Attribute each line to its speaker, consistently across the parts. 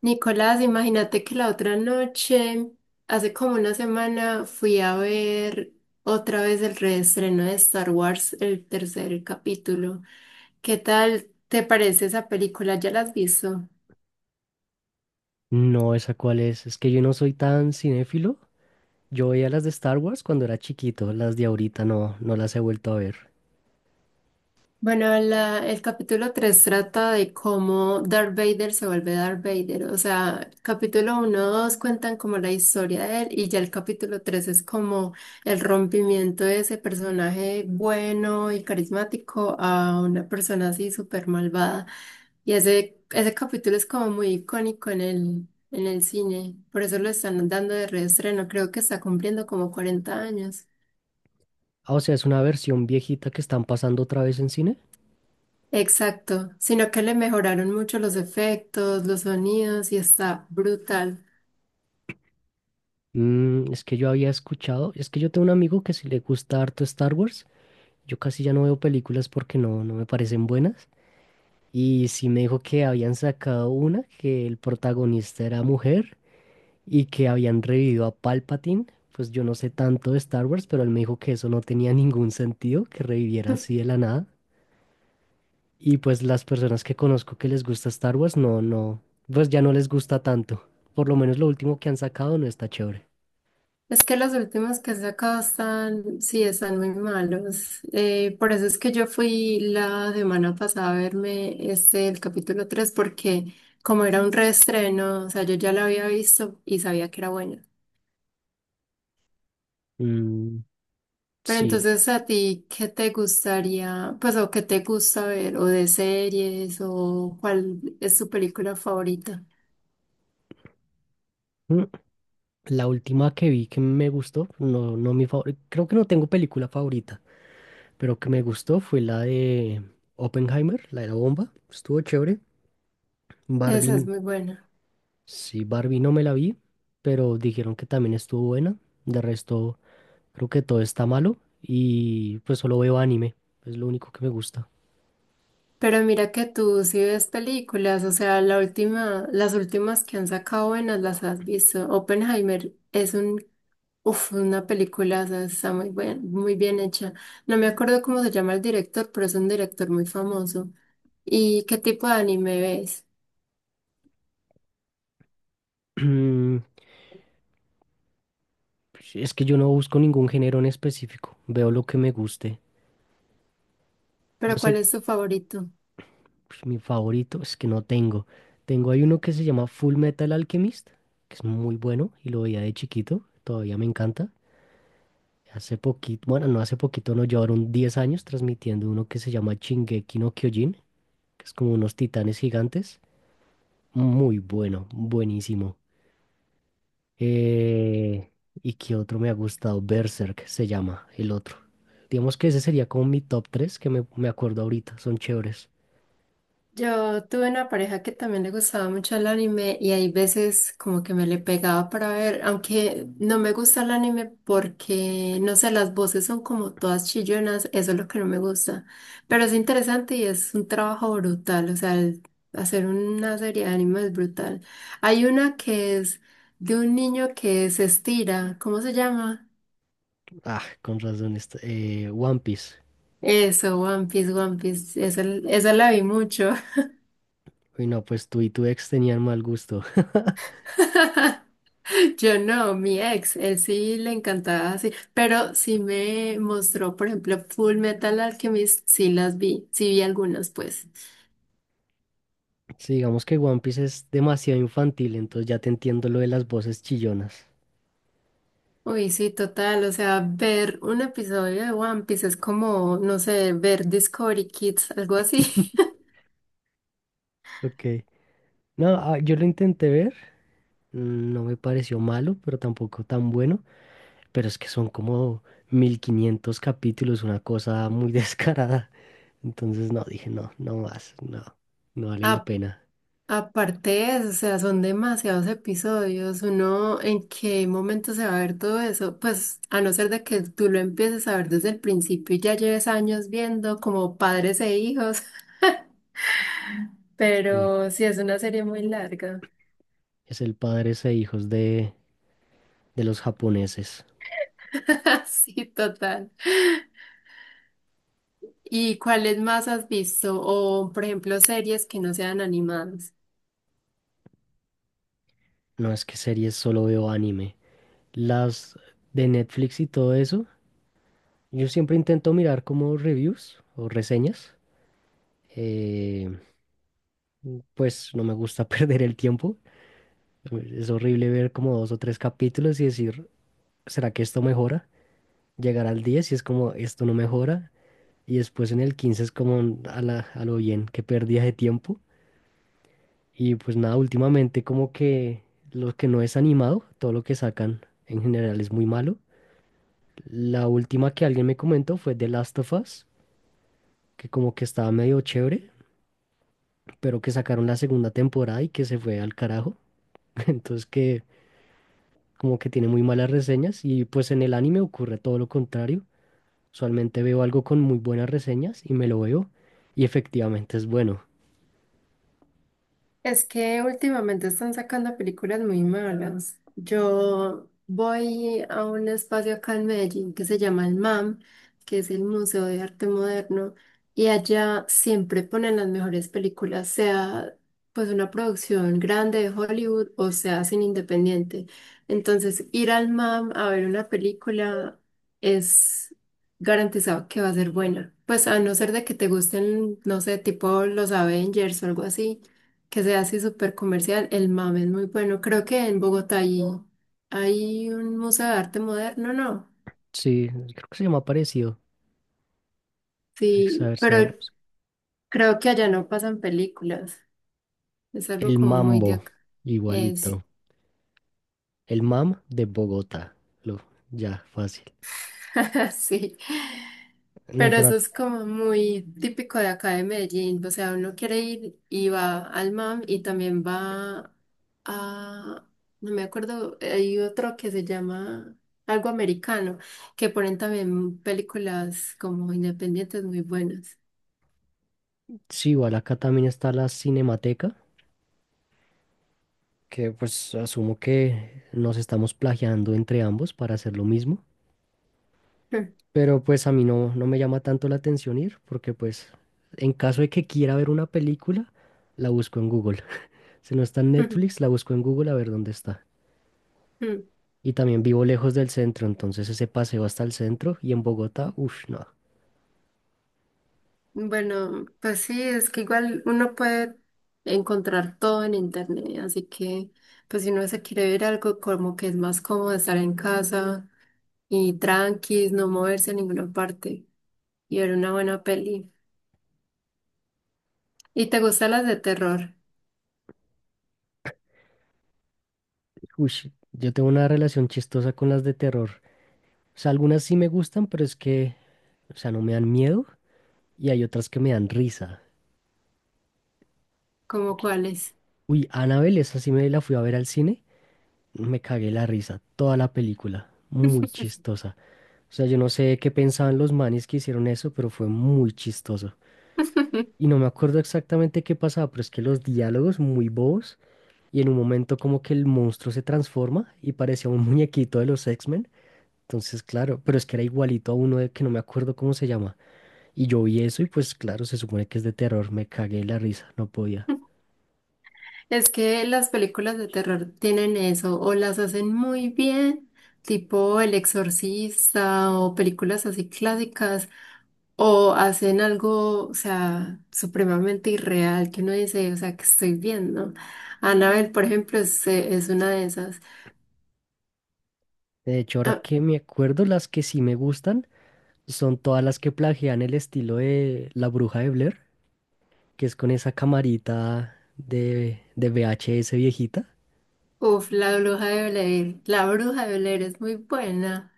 Speaker 1: Nicolás, imagínate que la otra noche, hace como una semana, fui a ver otra vez el reestreno de Star Wars, el tercer capítulo. ¿Qué tal te parece esa película? ¿Ya la has visto?
Speaker 2: No, esa cuál es. Es que yo no soy tan cinéfilo. Yo veía las de Star Wars cuando era chiquito, las de ahorita no, no las he vuelto a ver.
Speaker 1: Bueno, el capítulo 3 trata de cómo Darth Vader se vuelve Darth Vader. O sea, capítulo uno, 2 cuentan como la historia de él y ya el capítulo 3 es como el rompimiento de ese personaje bueno y carismático a una persona así súper malvada. Y ese capítulo es como muy icónico en el cine. Por eso lo están dando de reestreno. Creo que está cumpliendo como 40 años.
Speaker 2: Ah, o sea, es una versión viejita que están pasando otra vez en cine.
Speaker 1: Exacto, sino que le mejoraron mucho los efectos, los sonidos y está brutal.
Speaker 2: Es que yo había escuchado, es que yo tengo un amigo que si le gusta harto Star Wars, yo casi ya no veo películas porque no, no me parecen buenas. Y sí me dijo que habían sacado una que el protagonista era mujer y que habían revivido a Palpatine. Pues yo no sé tanto de Star Wars, pero él me dijo que eso no tenía ningún sentido, que reviviera así de la nada. Y pues las personas que conozco que les gusta Star Wars, no, no, pues ya no les gusta tanto. Por lo menos lo último que han sacado no está chévere.
Speaker 1: Es que los últimos que he sacado están, sí, están muy malos. Por eso es que yo fui la semana pasada a verme este, el capítulo 3 porque como era un reestreno, o sea, yo ya lo había visto y sabía que era bueno.
Speaker 2: Mm,
Speaker 1: Pero
Speaker 2: sí.
Speaker 1: entonces, ¿a ti qué te gustaría, pues, o qué te gusta ver, o de series, o cuál es tu película favorita?
Speaker 2: Mm, la última que vi que me gustó, no, no mi favorita, creo que no tengo película favorita, pero que me gustó fue la de Oppenheimer, la de la bomba. Estuvo chévere.
Speaker 1: Esa es
Speaker 2: Barbie.
Speaker 1: muy buena.
Speaker 2: Sí, Barbie no me la vi, pero dijeron que también estuvo buena. De resto, creo que todo está malo y pues solo veo anime. Es lo único que me gusta.
Speaker 1: Pero mira que tú sí ves películas, o sea, la última, las últimas que han sacado buenas las has visto. Oppenheimer es un, uf, una película, o sea, está muy bien hecha. No me acuerdo cómo se llama el director, pero es un director muy famoso. ¿Y qué tipo de anime ves?
Speaker 2: Mm, es que yo no busco ningún género en específico. Veo lo que me guste. Yo
Speaker 1: ¿Pero cuál
Speaker 2: sé,
Speaker 1: es tu favorito?
Speaker 2: pues, mi favorito es que no tengo. Hay uno que se llama Full Metal Alchemist, que es muy bueno y lo veía de chiquito. Todavía me encanta. Hace poquito, bueno, no hace poquito, no llevaron 10 años transmitiendo uno que se llama Shingeki no Kyojin, que es como unos titanes gigantes. Muy bueno, buenísimo. Eh, ¿Y qué otro me ha gustado? Berserk se llama, el otro. Digamos que ese sería como mi top 3 que me acuerdo ahorita, son chéveres.
Speaker 1: Yo tuve una pareja que también le gustaba mucho el anime y hay veces como que me le pegaba para ver, aunque no me gusta el anime porque, no sé, las voces son como todas chillonas, eso es lo que no me gusta. Pero es interesante y es un trabajo brutal, o sea, hacer una serie de anime es brutal. Hay una que es de un niño que se estira, ¿cómo se llama?
Speaker 2: Ah, con razón, One Piece.
Speaker 1: Eso, One Piece, esa la vi mucho.
Speaker 2: Uy, no, pues tú y tu ex tenían mal gusto.
Speaker 1: Yo no, mi ex, él sí le encantaba así, pero sí me mostró, por ejemplo, Full Metal Alchemist, sí las vi, sí vi algunas, pues.
Speaker 2: Sí, digamos que One Piece es demasiado infantil, entonces ya te entiendo lo de las voces chillonas.
Speaker 1: Uy, sí, total, o sea, ver un episodio de One Piece es como, no sé, ver Discovery Kids, algo así.
Speaker 2: Ok. No, ah, yo lo intenté ver, no me pareció malo, pero tampoco tan bueno, pero es que son como 1500 capítulos, una cosa muy descarada. Entonces, no, dije, no, no más, no, no vale la
Speaker 1: A-
Speaker 2: pena.
Speaker 1: aparte de eso, o sea, son demasiados episodios, uno, ¿en qué momento se va a ver todo eso? Pues, a no ser de que tú lo empieces a ver desde el principio y ya lleves años viendo como padres e hijos.
Speaker 2: Sí,
Speaker 1: Pero sí, es una serie muy larga.
Speaker 2: es el Padres e Hijos de los japoneses.
Speaker 1: Sí, total. ¿Y cuáles más has visto? O, por ejemplo, series que no sean animadas.
Speaker 2: No es que series solo veo anime. Las de Netflix y todo eso, yo siempre intento mirar como reviews o reseñas. Eh, pues no me gusta perder el tiempo. Es horrible ver como dos o tres capítulos y decir, ¿será que esto mejora? Llegar al 10 y es como, esto no mejora. Y después en el 15 es como a la, a lo bien, qué pérdida de tiempo. Y pues nada, últimamente como que lo que no es animado, todo lo que sacan en general es muy malo. La última que alguien me comentó fue The Last of Us, que como que estaba medio chévere, pero que sacaron la segunda temporada y que se fue al carajo. Entonces que como que tiene muy malas reseñas y pues en el anime ocurre todo lo contrario. Usualmente veo algo con muy buenas reseñas y me lo veo y efectivamente es bueno.
Speaker 1: Es que últimamente están sacando películas muy malas. Yo voy a un espacio acá en Medellín que se llama el MAM, que es el Museo de Arte Moderno, y allá siempre ponen las mejores películas, sea pues una producción grande de Hollywood o sea sin independiente. Entonces, ir al MAM a ver una película es garantizado que va a ser buena. Pues a no ser de que te gusten, no sé, tipo los Avengers o algo así que sea así súper comercial, el MAM es muy bueno. Creo que en Bogotá hay un museo de arte moderno, ¿no?
Speaker 2: Sí, creo que se llama parecido. A
Speaker 1: Sí,
Speaker 2: ver,
Speaker 1: pero
Speaker 2: seamos.
Speaker 1: creo que allá no pasan películas. Es algo
Speaker 2: El
Speaker 1: como muy de
Speaker 2: Mambo,
Speaker 1: acá.
Speaker 2: igualito. El Mam de Bogotá. Lo, ya, fácil.
Speaker 1: Sí.
Speaker 2: No,
Speaker 1: Pero
Speaker 2: pero
Speaker 1: eso
Speaker 2: ac-
Speaker 1: es como muy típico de acá de Medellín. O sea, uno quiere ir y va al MAM y también va a, no me acuerdo, hay otro que se llama algo americano, que ponen también películas como independientes muy buenas.
Speaker 2: sí, igual acá también está la Cinemateca, que pues asumo que nos estamos plagiando entre ambos para hacer lo mismo. Pero pues a mí no, no me llama tanto la atención ir, porque pues en caso de que quiera ver una película, la busco en Google. Si no está en Netflix, la busco en Google a ver dónde está. Y también vivo lejos del centro, entonces ese paseo hasta el centro y en Bogotá, uff, no.
Speaker 1: Bueno, pues sí, es que igual uno puede encontrar todo en internet, así que pues si uno se quiere ver algo como que es más cómodo estar en casa y tranquis, no moverse a ninguna parte y ver una buena peli. ¿Y te gustan las de terror?
Speaker 2: Ush, yo tengo una relación chistosa con las de terror. O sea, algunas sí me gustan, pero es que, o sea, no me dan miedo y hay otras que me dan risa.
Speaker 1: ¿Como
Speaker 2: Que-
Speaker 1: cuáles?
Speaker 2: Uy, Annabelle, esa sí me la fui a ver al cine, me cagué la risa, toda la película, muy chistosa. O sea, yo no sé qué pensaban los manes que hicieron eso, pero fue muy chistoso. Y no me acuerdo exactamente qué pasaba, pero es que los diálogos muy bobos y en un momento como que el monstruo se transforma y parecía un muñequito de los X-Men. Entonces, claro, pero es que era igualito a uno de que no me acuerdo cómo se llama. Y yo vi eso y pues claro, se supone que es de terror, me cagué de la risa, no podía.
Speaker 1: Es que las películas de terror tienen eso, o las hacen muy bien, tipo El Exorcista o películas así clásicas, o hacen algo, o sea, supremamente irreal que uno dice, o sea, que estoy viendo. Annabelle, por ejemplo, es una de esas.
Speaker 2: De hecho, ahora
Speaker 1: Ah,
Speaker 2: que me acuerdo, las que sí me gustan son todas las que plagian el estilo de La Bruja de Blair, que es con esa camarita de VHS viejita.
Speaker 1: uf, la bruja de Blair, la bruja de Blair es muy buena.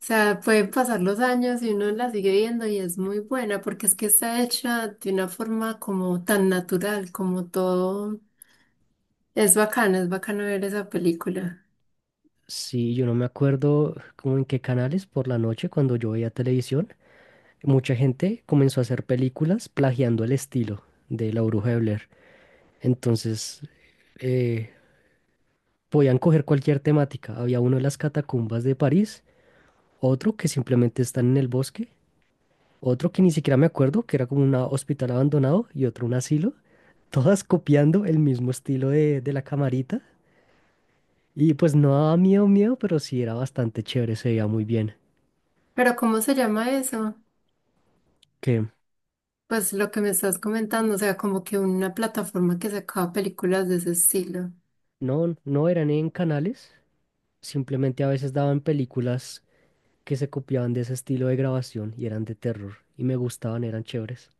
Speaker 1: O sea, pueden pasar los años y uno la sigue viendo y es muy buena porque es que está hecha de una forma como tan natural, como todo. Es bacana, es bacano ver esa película.
Speaker 2: Sí, yo no me acuerdo como en qué canales por la noche cuando yo veía televisión, mucha gente comenzó a hacer películas plagiando el estilo de La Bruja de Blair. Entonces, eh, podían coger cualquier temática. Había uno de las catacumbas de París, otro que simplemente están en el bosque, otro que ni siquiera me acuerdo, que era como un hospital abandonado y otro un asilo. Todas copiando el mismo estilo de la camarita. Y pues no daba miedo, miedo, pero sí era bastante chévere, se veía muy bien.
Speaker 1: Pero ¿cómo se llama eso?
Speaker 2: Que
Speaker 1: Pues lo que me estás comentando, o sea, como que una plataforma que sacaba películas de ese estilo.
Speaker 2: no, no eran en canales, simplemente a veces daban películas que se copiaban de ese estilo de grabación y eran de terror y me gustaban, eran chéveres.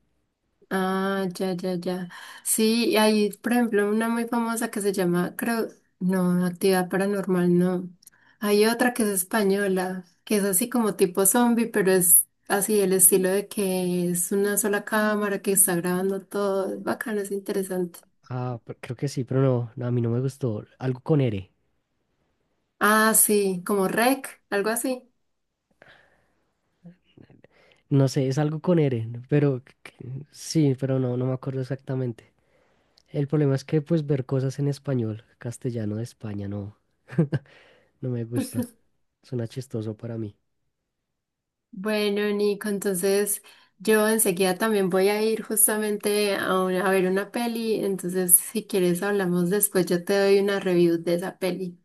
Speaker 1: Ah, ya, ya, ya. Sí, y hay, por ejemplo, una muy famosa que se llama, creo, no, Actividad Paranormal, no. Hay otra que es española, que es así como tipo zombie, pero es así el estilo de que es una sola cámara que está grabando todo. Es bacano, es interesante.
Speaker 2: Ah, pero creo que sí, pero no, no, a mí no me gustó. Algo con R.
Speaker 1: Ah, sí, como Rec, algo así.
Speaker 2: No sé, es algo con R, ¿no? Pero sí, pero no, no me acuerdo exactamente. El problema es que pues ver cosas en español, castellano de España, no, no me gusta. Suena chistoso para mí.
Speaker 1: Bueno, Nico, entonces yo enseguida también voy a ir justamente a, a ver una peli, entonces si quieres hablamos después, yo te doy una review de esa peli.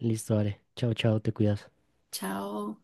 Speaker 2: Listo, vale. Chao, chao, te cuidas.
Speaker 1: Chao.